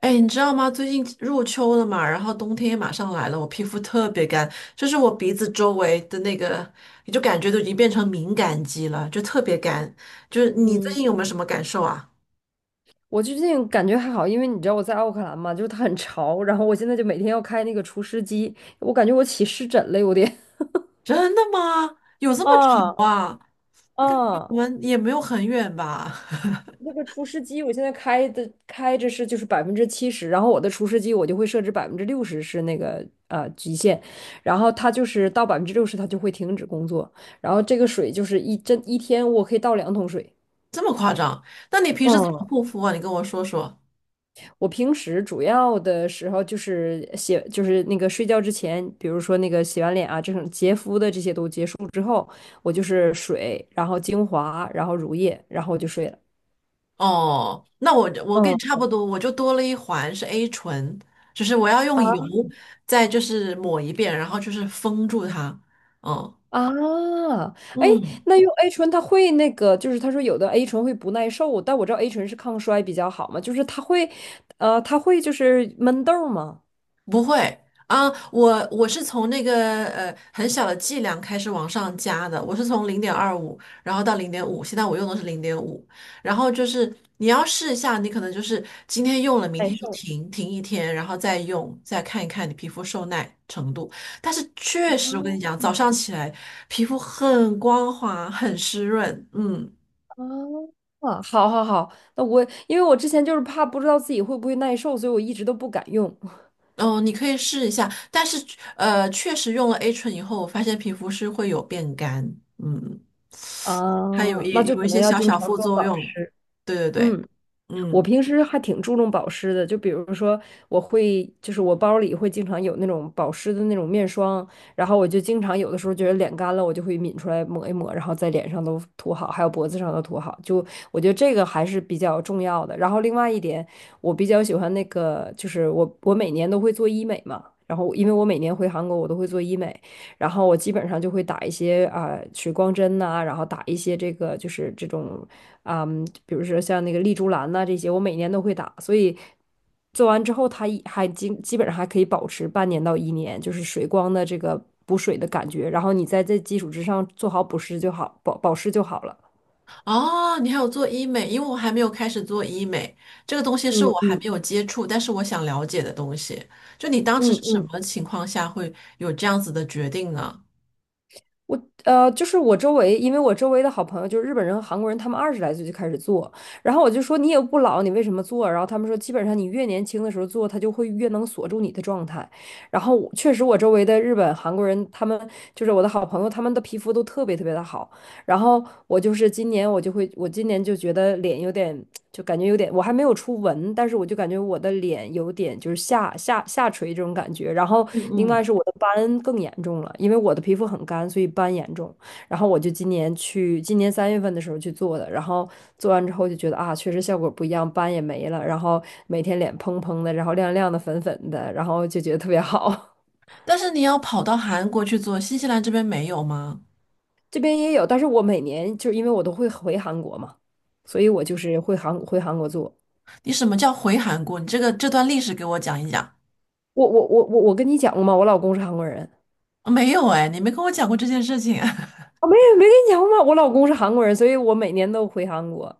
哎，你知道吗？最近入秋了嘛，然后冬天也马上来了，我皮肤特别干，就是我鼻子周围的那个，你就感觉都已经变成敏感肌了，就特别干。就是你最嗯，近有没有什么感受啊？我最近感觉还好，因为你知道我在奥克兰嘛，就是它很潮，然后我现在就每天要开那个除湿机，我感觉我起湿疹了，有点。真的吗？有这么啊丑啊？啊，我们也没有很远吧？那 个除湿机我现在开着就是70%，然后我的除湿机我就会设置百分之六十是那个极限，然后它就是到百分之六十它就会停止工作，然后这个水就是一天我可以倒2桶水。这么夸张？那你平时怎么嗯。护肤啊？你跟我说说。我平时主要的时候就是写，就是那个睡觉之前，比如说那个洗完脸啊，这种洁肤的这些都结束之后，我就是水，然后精华，然后乳液，然后我就睡了。哦，那我跟你嗯差不多，我就多了一环是 A 醇，就是我要用油再就是抹一遍，然后就是封住它。哦，啊，哎，嗯，那用 A 醇它会那个，就是他说有的 A 醇会不耐受，但我知道 A 醇是抗衰比较好嘛，就是它会就是闷痘儿吗？不会啊，我是从那个很小的剂量开始往上加的，我是从零点二五，然后到零点五，现在我用的是零点五，然后就是你要试一下，你可能就是今天用了，明耐天就受。停一天，然后再用，再看一看你皮肤受耐程度。但是确实，我跟你讲，早啊上起来皮肤很光滑，很湿润，嗯。哦，啊，好好好，那我因为我之前就是怕不知道自己会不会耐受，所以我一直都不敢用。哦，你可以试一下，但是，确实用了 A 醇以后，我发现皮肤是会有变干，嗯。它啊，那就有可一能些要小经小常副做作保用。湿。对对对，嗯。我嗯，平时还挺注重保湿的，就比如说，我会就是我包里会经常有那种保湿的那种面霜，然后我就经常有的时候觉得脸干了，我就会抿出来抹一抹，然后在脸上都涂好，还有脖子上都涂好。就我觉得这个还是比较重要的。然后另外一点，我比较喜欢那个，就是我每年都会做医美嘛，然后因为我每年回韩国，我都会做医美，然后我基本上就会打一些水光针呐、然后打一些这个就是这种比如说像那个丽珠兰呐、这些，我每年都会打，所以做完之后它一还基基本上还可以保持半年到一年，就是水光的这个补水的感觉，然后你在这基础之上做好补湿就好，保湿就好了。哦，你还有做医美，因为我还没有开始做医美，这个东西是嗯我还没嗯有接触，但是我想了解的东西。就你当时嗯是什嗯，么情况下会有这样子的决定呢？我就是我周围，因为我周围的好朋友就是日本人和韩国人，他们20来岁就开始做，然后我就说你也不老，你为什么做？然后他们说，基本上你越年轻的时候做，它就会越能锁住你的状态。然后我确实，我周围的日本、韩国人，他们就是我的好朋友，他们的皮肤都特别特别的好，然后我就是今年我就会，我今年就觉得脸有点，就感觉有点，我还没有出纹，但是我就感觉我的脸有点就是下垂这种感觉。然后嗯另嗯，外是我的斑更严重了，因为我的皮肤很干，所以斑严重。然后我就今年去，今年3月份的时候去做的，然后做完之后就觉得啊，确实效果不一样，斑也没了，然后每天脸嘭嘭的，然后亮亮的、粉粉的，然后就觉得特别好。但是你要跑到韩国去做，新西兰这边没有吗？这边也有，但是我每年就是因为我都会回韩国嘛，所以我就是会回韩国做。你什么叫回韩国？你这个这段历史给我讲一讲。我跟你讲过吗？我老公是韩国人。啊没有哎，你没跟我讲过这件事情，啊，没有没跟你讲过吗？我老公是韩国人，所以我每年都回韩国。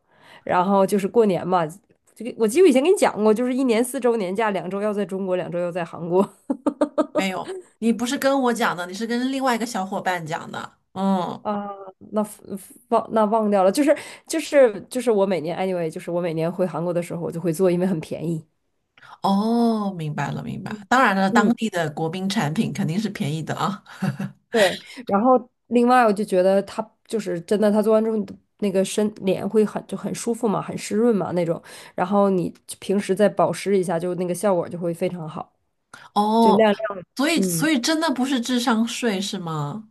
然后就是过年嘛，这个我记得我以前跟你讲过，就是一年4周年假，两周要在中国，两周要在韩国。没有，你不是跟我讲的，你是跟另外一个小伙伴讲的。嗯，啊，那 忘掉了，就是我每年 anyway，就是我每年回韩国的时候，我就会做，因为很便宜。哦，明白了，明白。嗯，当然了，当嗯，地的国宾产品肯定是便宜的啊。对，然后另外我就觉得它就是真的，它做完之后你的那个脸会很舒服嘛，很湿润嘛那种，然后你平时再保湿一下，就那个效果就会非常好，就哦，亮亮的。所以所嗯，以真的不是智商税是吗？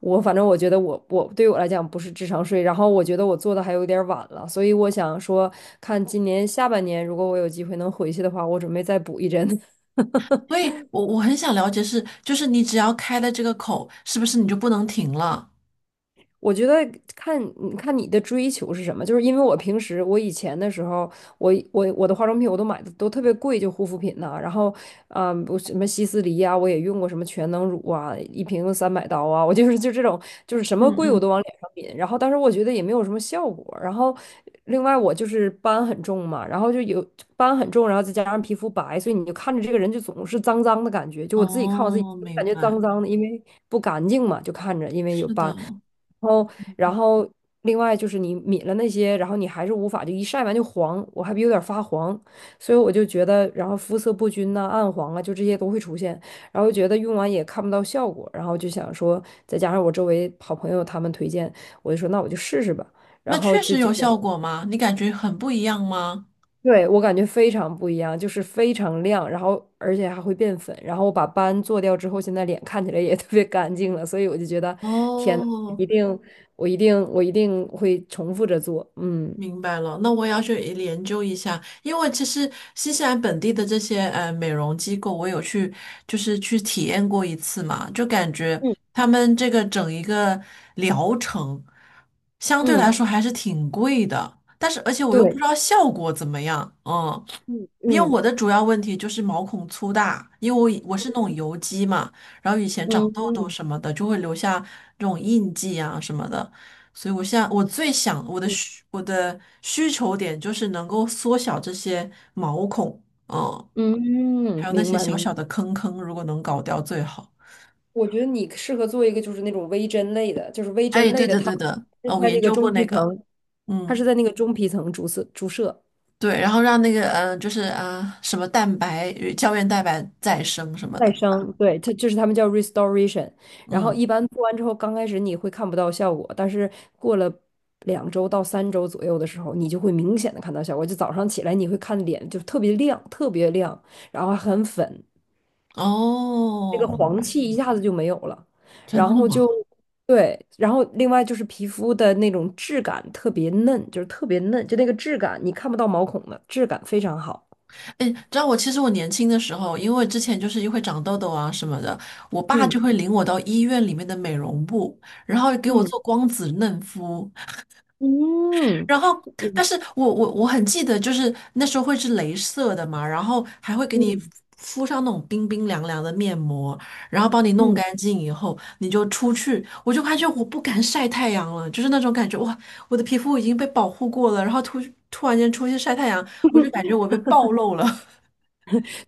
我反正我觉得我对我来讲不是智商税，然后我觉得我做的还有点儿晚了，所以我想说，看今年下半年如果我有机会能回去的话，我准备再补一针。所以我很想了解是，就是你只要开了这个口，是不是你就不能停了？我觉得看你的追求是什么，就是因为我平时我以前的时候，我的化妆品我都买的都特别贵，就护肤品呐、然后我什么希思黎呀、我也用过什么全能乳啊，一瓶300刀啊，我就是这种就是什嗯么贵我嗯。都往脸上抿，然后但是我觉得也没有什么效果，然后另外我就是斑很重嘛，然后就有斑很重，然后再加上皮肤白，所以你就看着这个人就总是脏脏的感觉，就我自己看我自己，哦，我感明觉白。脏脏的，因为不干净嘛，就看着因为有是的，斑。然后，然后，另外就是你抿了那些，然后你还是无法就一晒完就黄，我还有点儿发黄，所以我就觉得，然后肤色不均呐、暗黄啊，就这些都会出现，然后觉得用完也看不到效果，然后就想说，再加上我周围好朋友他们推荐，我就说那我就试试吧，然那后确就实结有效果果吗？你感觉很不一样吗？对，我感觉非常不一样，就是非常亮，然后而且还会变粉，然后我把斑做掉之后，现在脸看起来也 特别干净了，所以我就觉得，天呐，哦，一定，我一定，我一定会重复着做，嗯明白了，那我也要去研究一下，因为其实新西兰本地的这些美容机构，我有去就是去体验过一次嘛，就感觉嗯他们这个整一个疗程相对来嗯，说还是挺贵的，但是而且我又不知对，道效果怎么样，嗯，嗯因为我嗯的主要问题就是毛孔粗大，因为我是那种油肌嘛，然后以前长嗯痘痘嗯什么的就会留下这种印记啊什么的。所以我现在我最想嗯我的需求点就是能够缩小这些毛孔，嗯，嗯，还有那明些白小明小的白。坑坑，如果能搞掉最好。我觉得你适合做一个就是那种微针类的，就是微哎，针对类的，的它对的，是我在研那个究过中皮那个，层，它是嗯，在那个中皮层注射注射。对，然后让那个就是什么蛋白与胶原蛋白再生什么的，再对吧？生，对，它就是他们叫 restoration。然后嗯，一般做完之后，刚开始你会看不到效果，但是过了2周到3周左右的时候，你就会明显的看到效果。就早上起来，你会看脸就特别亮，特别亮，然后还很粉，那个哦，黄气一下子就没有了。然真的后就吗？对，然后另外就是皮肤的那种质感特别嫩，就是特别嫩，就那个质感你看不到毛孔的质感非常好。哎，知道我其实我年轻的时候，因为之前就是又会长痘痘啊什么的，我爸就嗯会领我到医院里面的美容部，然后给我嗯做光子嫩肤，嗯然后但嗯是我我很记得，就是那时候会是镭射的嘛，然后还会给你嗯。敷上那种冰冰凉凉的面膜，然后帮你弄嗯，干净以后，你就出去，我就发现我不敢晒太阳了，就是那种感觉，哇，我的皮肤已经被保护过了，然后突然间出去晒太阳，我就感觉我被暴露了。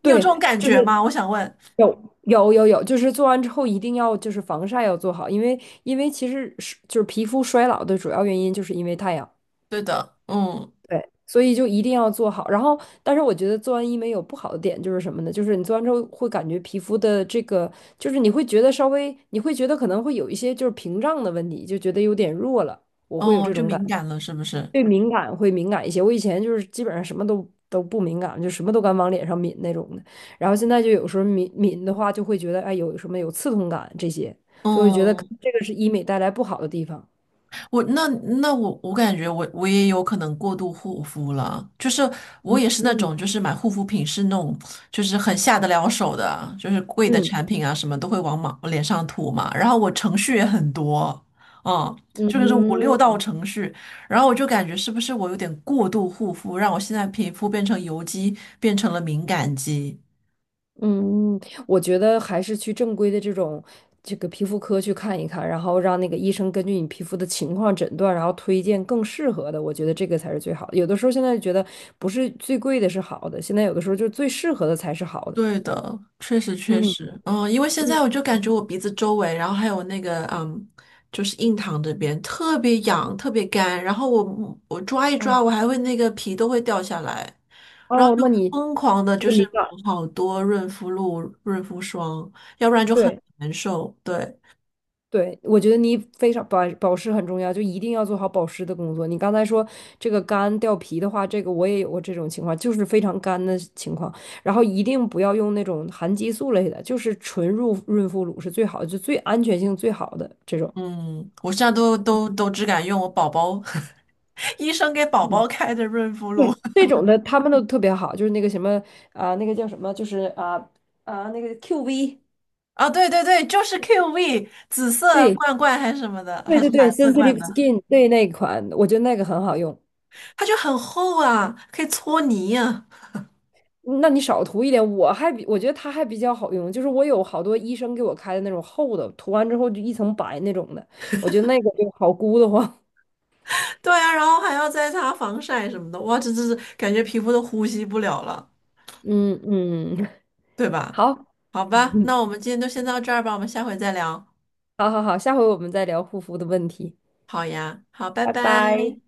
你有这对，种感就觉是吗？我想问。有有有有，就是做完之后一定要就是防晒要做好，因为其实是就是皮肤衰老的主要原因就是因为太阳，对的，嗯。对，所以就一定要做好。然后，但是我觉得做完医美有不好的点就是什么呢？就是你做完之后会感觉皮肤的这个，就是你会觉得稍微，你会觉得可能会有一些就是屏障的问题，就觉得有点弱了，我会有哦，这就种感敏觉。感了是不是？对敏感会敏感一些。我以前就是基本上什么都不敏感，就什么都敢往脸上抿那种的。然后现在就有时候抿抿的话，就会觉得哎有什么有刺痛感这些，所以我觉得可嗯，能这个是医美带来不好的地方。我那那我感觉我也有可能过度护肤了，就是我也是那嗯种就是买护肤品是那种就是很下得了手的，就是贵的产嗯品啊什么都会往嘛脸上涂嘛，然后我程序也很多，嗯，就是五六嗯道程序，然后我就感觉是不是我有点过度护肤，让我现在皮肤变成油肌，变成了敏感肌。嗯，嗯，我觉得还是去正规的这个皮肤科去看一看，然后让那个医生根据你皮肤的情况诊断，然后推荐更适合的。我觉得这个才是最好的。有的时候现在觉得不是最贵的是好的，现在有的时候就最适合的才是好的。对的，确实确嗯实，嗯，因为现嗯，在我就感觉我鼻子周围，然后还有那个，嗯，就是印堂这边特别痒，特别干，然后我抓一抓，哦我还会那个皮都会掉下来，然后哦，就那你疯狂的这就个是敏抹感，好多润肤露、润肤霜，要不然就很对难受。对，对，我觉得你非常保湿很重要，就一定要做好保湿的工作。你刚才说这个干掉皮的话，这个我也有过这种情况，就是非常干的情况。然后一定不要用那种含激素类的，就是纯乳润肤乳是最好的，就最安全性最好的这种。嗯，我现在都都只敢用我宝宝 医生给宝嗯，宝开的润肤露 对，这种的他们都特别好，就是那个什么啊、那个叫什么，就是那个 QV。啊，对对对，就是 QV 紫色对。罐罐还是什么的，对还对是蓝对色罐，Sensitive 的。Skin，对那款，我觉得那个很好用。它就很厚啊，可以搓泥呀。嗯那你少涂一点，我觉得它还比较好用，就是我有好多医生给我开的那种厚的，涂完之后就一层白那种的，我觉得那个就好箍得慌。对啊，然后还要再擦防晒什么的，哇，这是感觉皮肤都呼吸不了了，嗯嗯，对吧？好，好吧，那我 们今天就先到这儿吧，我们下回再聊。好好好，下回我们再聊护肤的问题，好呀，好，拜拜拜。拜。